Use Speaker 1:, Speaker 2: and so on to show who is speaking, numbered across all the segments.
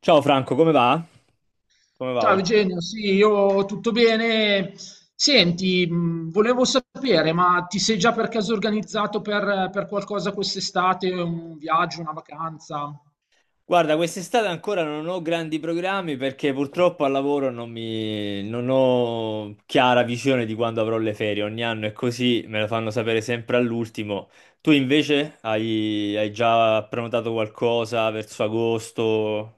Speaker 1: Ciao Franco, come va? Come va
Speaker 2: Ciao
Speaker 1: oggi?
Speaker 2: Eugenio, sì, io tutto bene. Senti, volevo sapere, ma ti sei già per caso organizzato per qualcosa quest'estate, un viaggio, una vacanza?
Speaker 1: Guarda, quest'estate ancora non ho grandi programmi perché purtroppo al lavoro non mi... non ho chiara visione di quando avrò le ferie. Ogni anno è così, me lo fanno sapere sempre all'ultimo. Tu invece hai già prenotato qualcosa verso agosto?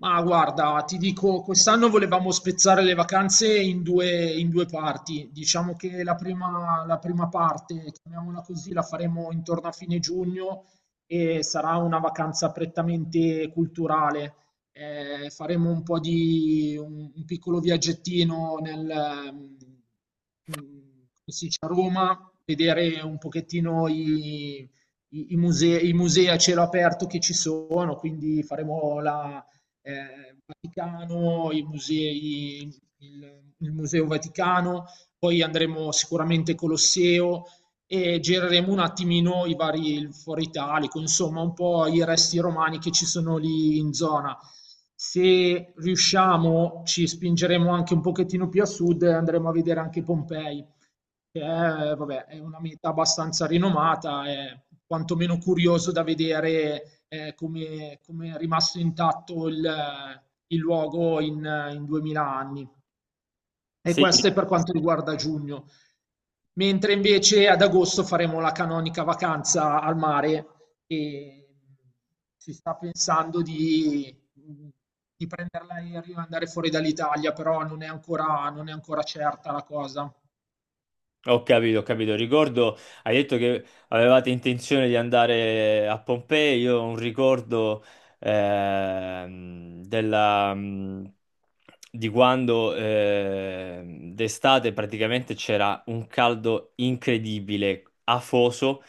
Speaker 2: Ma guarda, ti dico, quest'anno volevamo spezzare le vacanze in due parti. Diciamo che la prima parte, chiamiamola così, la faremo intorno a fine giugno e sarà una vacanza prettamente culturale. Faremo un po' di un piccolo viaggettino nel, come si dice, a Roma, vedere un pochettino i musei, i musei a cielo aperto che ci sono, quindi faremo la Vaticano, i musei, il Museo Vaticano, poi andremo sicuramente Colosseo e gireremo un attimino i vari il Foro Italico, insomma un po' i resti romani che ci sono lì in zona. Se riusciamo, ci spingeremo anche un pochettino più a sud e andremo a vedere anche Pompei che è, vabbè, è una meta abbastanza rinomata, è quantomeno curioso da vedere come è rimasto intatto il luogo in 2000 anni. E
Speaker 1: Sì.
Speaker 2: questo è per quanto riguarda giugno. Mentre invece ad agosto faremo la canonica vacanza al mare e si sta pensando di prendere l'aereo e andare fuori dall'Italia, però non è ancora certa la cosa.
Speaker 1: Ho capito, ho capito. Ricordo, hai detto che avevate intenzione di andare a Pompei. Io ho un ricordo della, di quando d'estate praticamente c'era un caldo incredibile, afoso,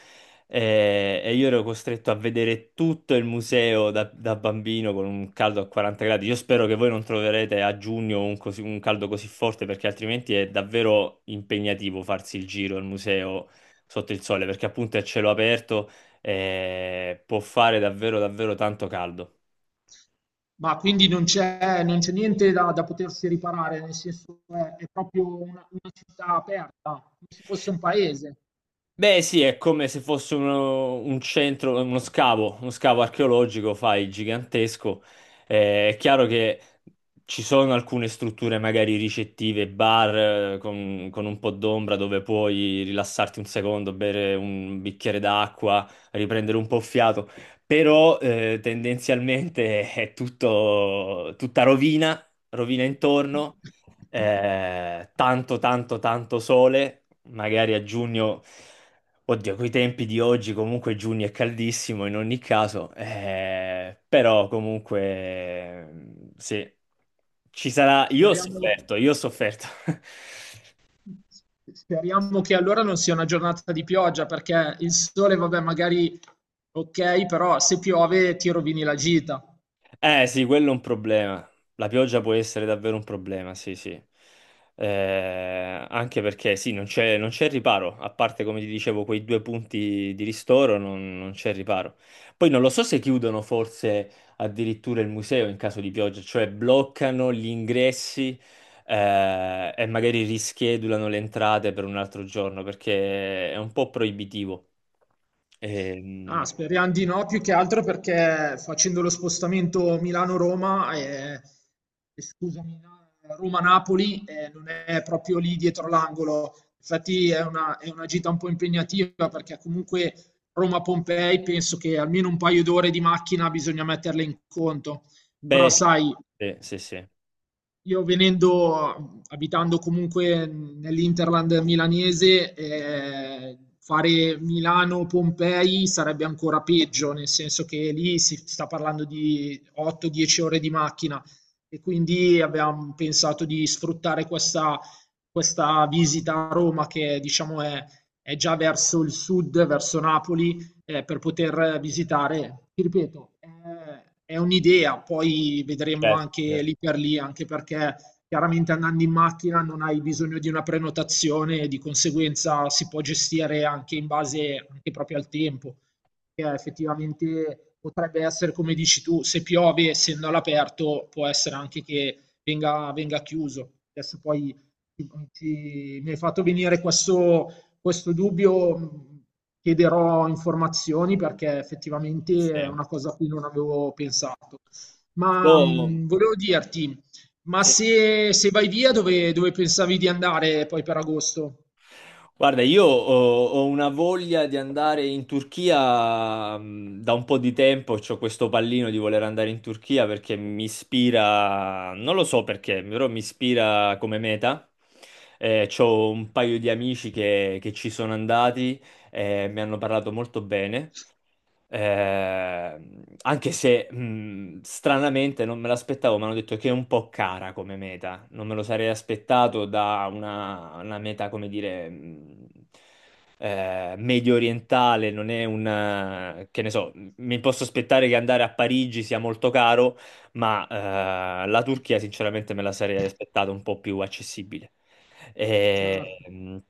Speaker 1: io ero costretto a vedere tutto il museo da bambino con un caldo a 40 gradi. Io spero che voi non troverete a giugno un, un caldo così forte, perché altrimenti è davvero impegnativo farsi il giro al museo sotto il sole, perché appunto è a cielo aperto e può fare davvero davvero tanto caldo.
Speaker 2: Ma quindi non c'è niente da potersi riparare, nel senso è proprio una città aperta, come se fosse un paese.
Speaker 1: Beh, sì, è come se fosse un centro, uno scavo archeologico, fai, gigantesco. È chiaro che ci sono alcune strutture magari ricettive, bar con un po' d'ombra dove puoi rilassarti un secondo, bere un bicchiere d'acqua, riprendere un po' fiato, però tendenzialmente è tutto, tutta rovina, rovina intorno, tanto, tanto, tanto sole magari a giugno. Oddio, coi tempi di oggi comunque giugno è caldissimo in ogni caso, però comunque sì, ci sarà. Io ho
Speaker 2: Speriamo,
Speaker 1: sofferto, io ho sofferto.
Speaker 2: speriamo che allora non sia una giornata di pioggia, perché il sole, vabbè, magari ok, però se piove ti rovini la gita.
Speaker 1: Eh sì, quello è un problema. La pioggia può essere davvero un problema, sì, sì. Anche perché sì, non c'è riparo, a parte come ti dicevo quei due punti di ristoro, non, non c'è riparo. Poi non lo so se chiudono forse addirittura il museo in caso di pioggia, cioè bloccano gli ingressi, e magari rischedulano le entrate per un altro giorno perché è un po' proibitivo.
Speaker 2: Ah,
Speaker 1: Ehm,
Speaker 2: speriamo di no, più che altro perché facendo lo spostamento Milano-Roma e scusami, no, Roma-Napoli non è proprio lì dietro l'angolo. Infatti è una gita un po' impegnativa perché comunque Roma-Pompei penso che almeno un paio d'ore di macchina bisogna metterle in conto. Però
Speaker 1: beh, sì,
Speaker 2: sai,
Speaker 1: sì, sì. Sì.
Speaker 2: io venendo, abitando comunque nell'Interland milanese, fare Milano-Pompei sarebbe ancora peggio, nel senso che lì si sta parlando di 8-10 ore di macchina e quindi abbiamo pensato di sfruttare questa visita a Roma che diciamo è già verso il sud, verso Napoli per poter visitare. Ti ripeto, è un'idea, poi vedremo
Speaker 1: Certo.
Speaker 2: anche lì per lì, anche perché chiaramente andando in macchina non hai bisogno di una prenotazione, di conseguenza si può gestire anche in base anche proprio al tempo, che effettivamente potrebbe essere come dici tu, se piove essendo all'aperto può essere anche che venga chiuso. Adesso poi mi hai fatto venire questo dubbio. Chiederò informazioni perché effettivamente è
Speaker 1: Sì.
Speaker 2: una cosa a cui non avevo pensato. Ma
Speaker 1: Io-
Speaker 2: volevo dirti, ma
Speaker 1: sì.
Speaker 2: se vai via dove pensavi di andare poi per agosto?
Speaker 1: Guarda, io ho una voglia di andare in Turchia da un po' di tempo, ho questo pallino di voler andare in Turchia perché mi ispira, non lo so perché, però mi ispira come meta. C'ho un paio di amici che ci sono andati e mi hanno parlato molto bene. Anche se stranamente non me l'aspettavo, mi hanno detto che è un po' cara come meta. Non me lo sarei aspettato da una meta, come dire, medio orientale. Non è un che ne so, mi posso aspettare che andare a Parigi sia molto caro, ma la Turchia, sinceramente, me la sarei aspettata un po' più accessibile.
Speaker 2: Cioè,
Speaker 1: Ehm,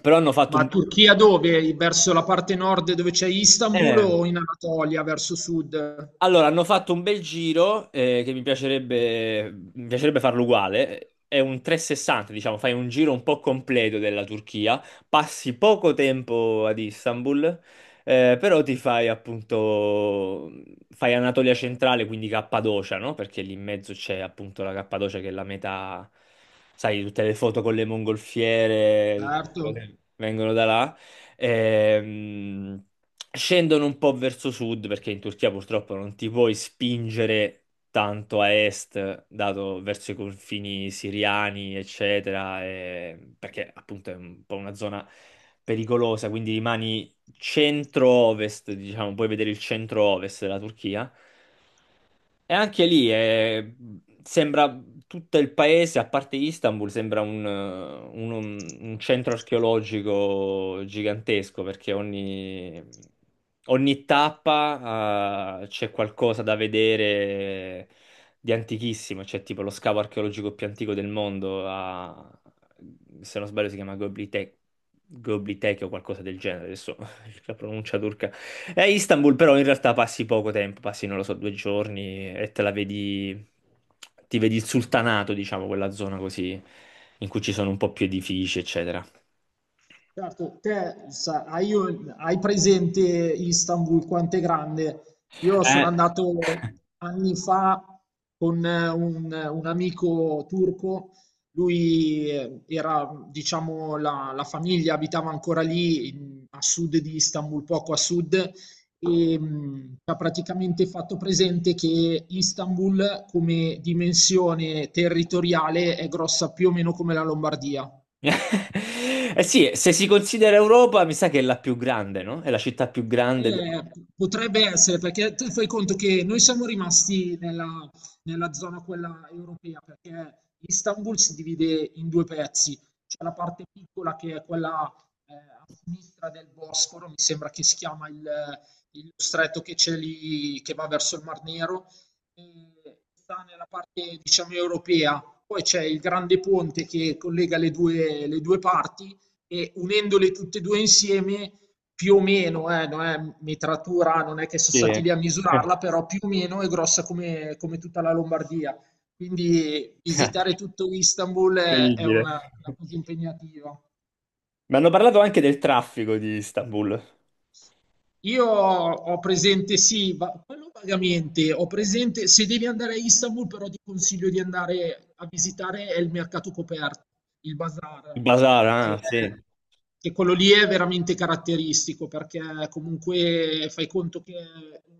Speaker 1: però hanno fatto
Speaker 2: ma
Speaker 1: un.
Speaker 2: Turchia dove? Verso la parte nord dove c'è Istanbul
Speaker 1: eh,
Speaker 2: o in Anatolia, verso sud?
Speaker 1: Allora, hanno fatto un bel giro, che mi piacerebbe farlo uguale. È un 360, diciamo, fai un giro un po' completo della Turchia, passi poco tempo ad Istanbul, però ti fai appunto, fai Anatolia centrale, quindi Cappadocia, no? Perché lì in mezzo c'è appunto la Cappadocia che è la metà, sai, tutte le foto con le mongolfiere, tutte queste cose
Speaker 2: Certo.
Speaker 1: che vengono da là. Ehm, scendono un po' verso sud, perché in Turchia purtroppo non ti puoi spingere tanto a est, dato verso i confini siriani, eccetera, perché appunto è un po' una zona pericolosa, quindi rimani centro-ovest, diciamo, puoi vedere il centro-ovest della Turchia. E anche lì, sembra tutto il paese, a parte Istanbul, sembra un, un centro archeologico gigantesco, perché ogni, ogni tappa, c'è qualcosa da vedere di antichissimo. C'è tipo lo scavo archeologico più antico del mondo, se non sbaglio si chiama Göbekli Tepe o qualcosa del genere. Adesso la pronuncia turca. È Istanbul, però in realtà passi poco tempo, passi, non lo so, 2 giorni e te la vedi, ti vedi il sultanato, diciamo, quella zona così, in cui ci sono un po' più edifici, eccetera.
Speaker 2: Certo, te sa- hai, un- hai presente Istanbul quanto è grande? Io sono
Speaker 1: Eh,
Speaker 2: andato anni fa con un amico turco, lui era, diciamo, la famiglia abitava ancora lì a sud di Istanbul, poco a sud, e ci ha praticamente fatto presente che Istanbul come dimensione territoriale è grossa più o meno come la Lombardia.
Speaker 1: eh sì, se si considera Europa, mi sa che è la più grande, no? È la città più grande
Speaker 2: Eh,
Speaker 1: d'Europa.
Speaker 2: potrebbe essere, perché tu fai conto che noi siamo rimasti nella zona quella europea, perché Istanbul si divide in due pezzi. C'è la parte piccola che è quella a sinistra del Bosforo, mi sembra che si chiama il stretto che c'è lì, che va verso il Mar Nero, e sta nella parte, diciamo, europea. Poi c'è il grande ponte che collega le due parti e unendole tutte e due insieme più o meno, non è metratura, non è che sono
Speaker 1: Sì,
Speaker 2: stati lì a
Speaker 1: è
Speaker 2: misurarla, però più o meno è grossa come tutta la Lombardia. Quindi visitare tutto Istanbul è
Speaker 1: incredibile.
Speaker 2: una cosa impegnativa.
Speaker 1: Mi hanno parlato anche del traffico di Istanbul.
Speaker 2: Io ho presente sì, va quello vagamente, ho presente se devi andare a Istanbul però ti consiglio di andare a visitare il mercato coperto, il
Speaker 1: Il
Speaker 2: bazar,
Speaker 1: bazar,
Speaker 2: che
Speaker 1: ah,
Speaker 2: è
Speaker 1: sì.
Speaker 2: che quello lì è veramente caratteristico perché comunque fai conto che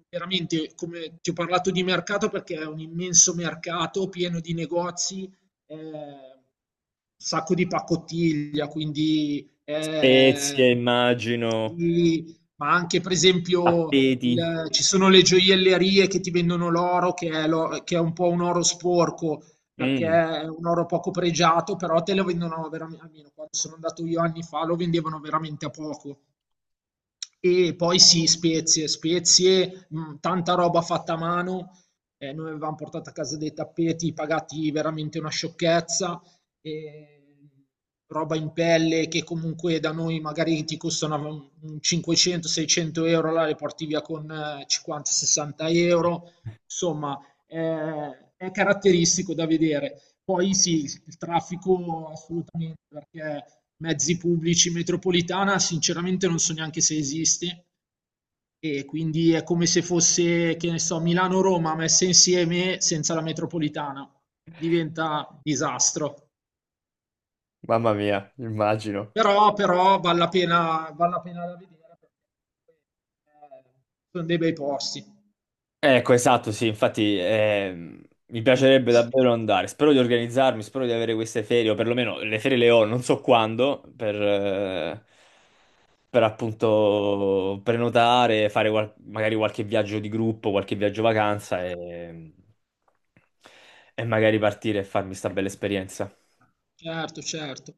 Speaker 2: veramente, come ti ho parlato di mercato perché è un immenso mercato pieno di negozi, ehm, sacco di pacottiglia, quindi,
Speaker 1: Spezie, immagino,
Speaker 2: ma anche per esempio
Speaker 1: tappeti.
Speaker 2: ci sono le gioiellerie che ti vendono l'oro, che è, che è un po' un oro sporco, perché
Speaker 1: Mm.
Speaker 2: è un oro poco pregiato, però te lo vendono veramente, almeno quando sono andato io anni fa, lo vendevano veramente a poco. E poi sì, spezie, spezie, tanta roba fatta a mano. Noi avevamo portato a casa dei tappeti pagati veramente una sciocchezza, e roba in pelle che comunque da noi magari ti costano 500-600 euro, là le porti via con 50-60 euro. Insomma, è caratteristico da vedere. Poi sì, il traffico assolutamente, perché mezzi pubblici in metropolitana sinceramente non so neanche se esiste e quindi è come se fosse, che ne so, Milano-Roma messe insieme senza la metropolitana. Diventa disastro.
Speaker 1: Mamma mia, immagino.
Speaker 2: Però vale la pena da vedere perché eh, sono dei bei posti.
Speaker 1: Ecco, esatto, sì, infatti mi piacerebbe davvero andare. Spero di organizzarmi, spero di avere queste ferie, o perlomeno le ferie le ho, non so quando, per appunto prenotare, fare magari qualche viaggio di gruppo, qualche viaggio vacanza e magari partire e farmi sta bella esperienza.
Speaker 2: Certo, certo.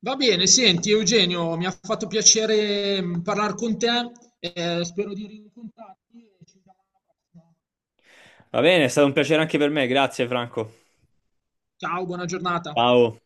Speaker 2: Va bene, senti Eugenio, mi ha fatto piacere parlare con te, spero di rincontrarti e ci vediamo alla prossima.
Speaker 1: Va bene, è stato un piacere anche per me, grazie Franco.
Speaker 2: Ciao, buona giornata.
Speaker 1: Ciao.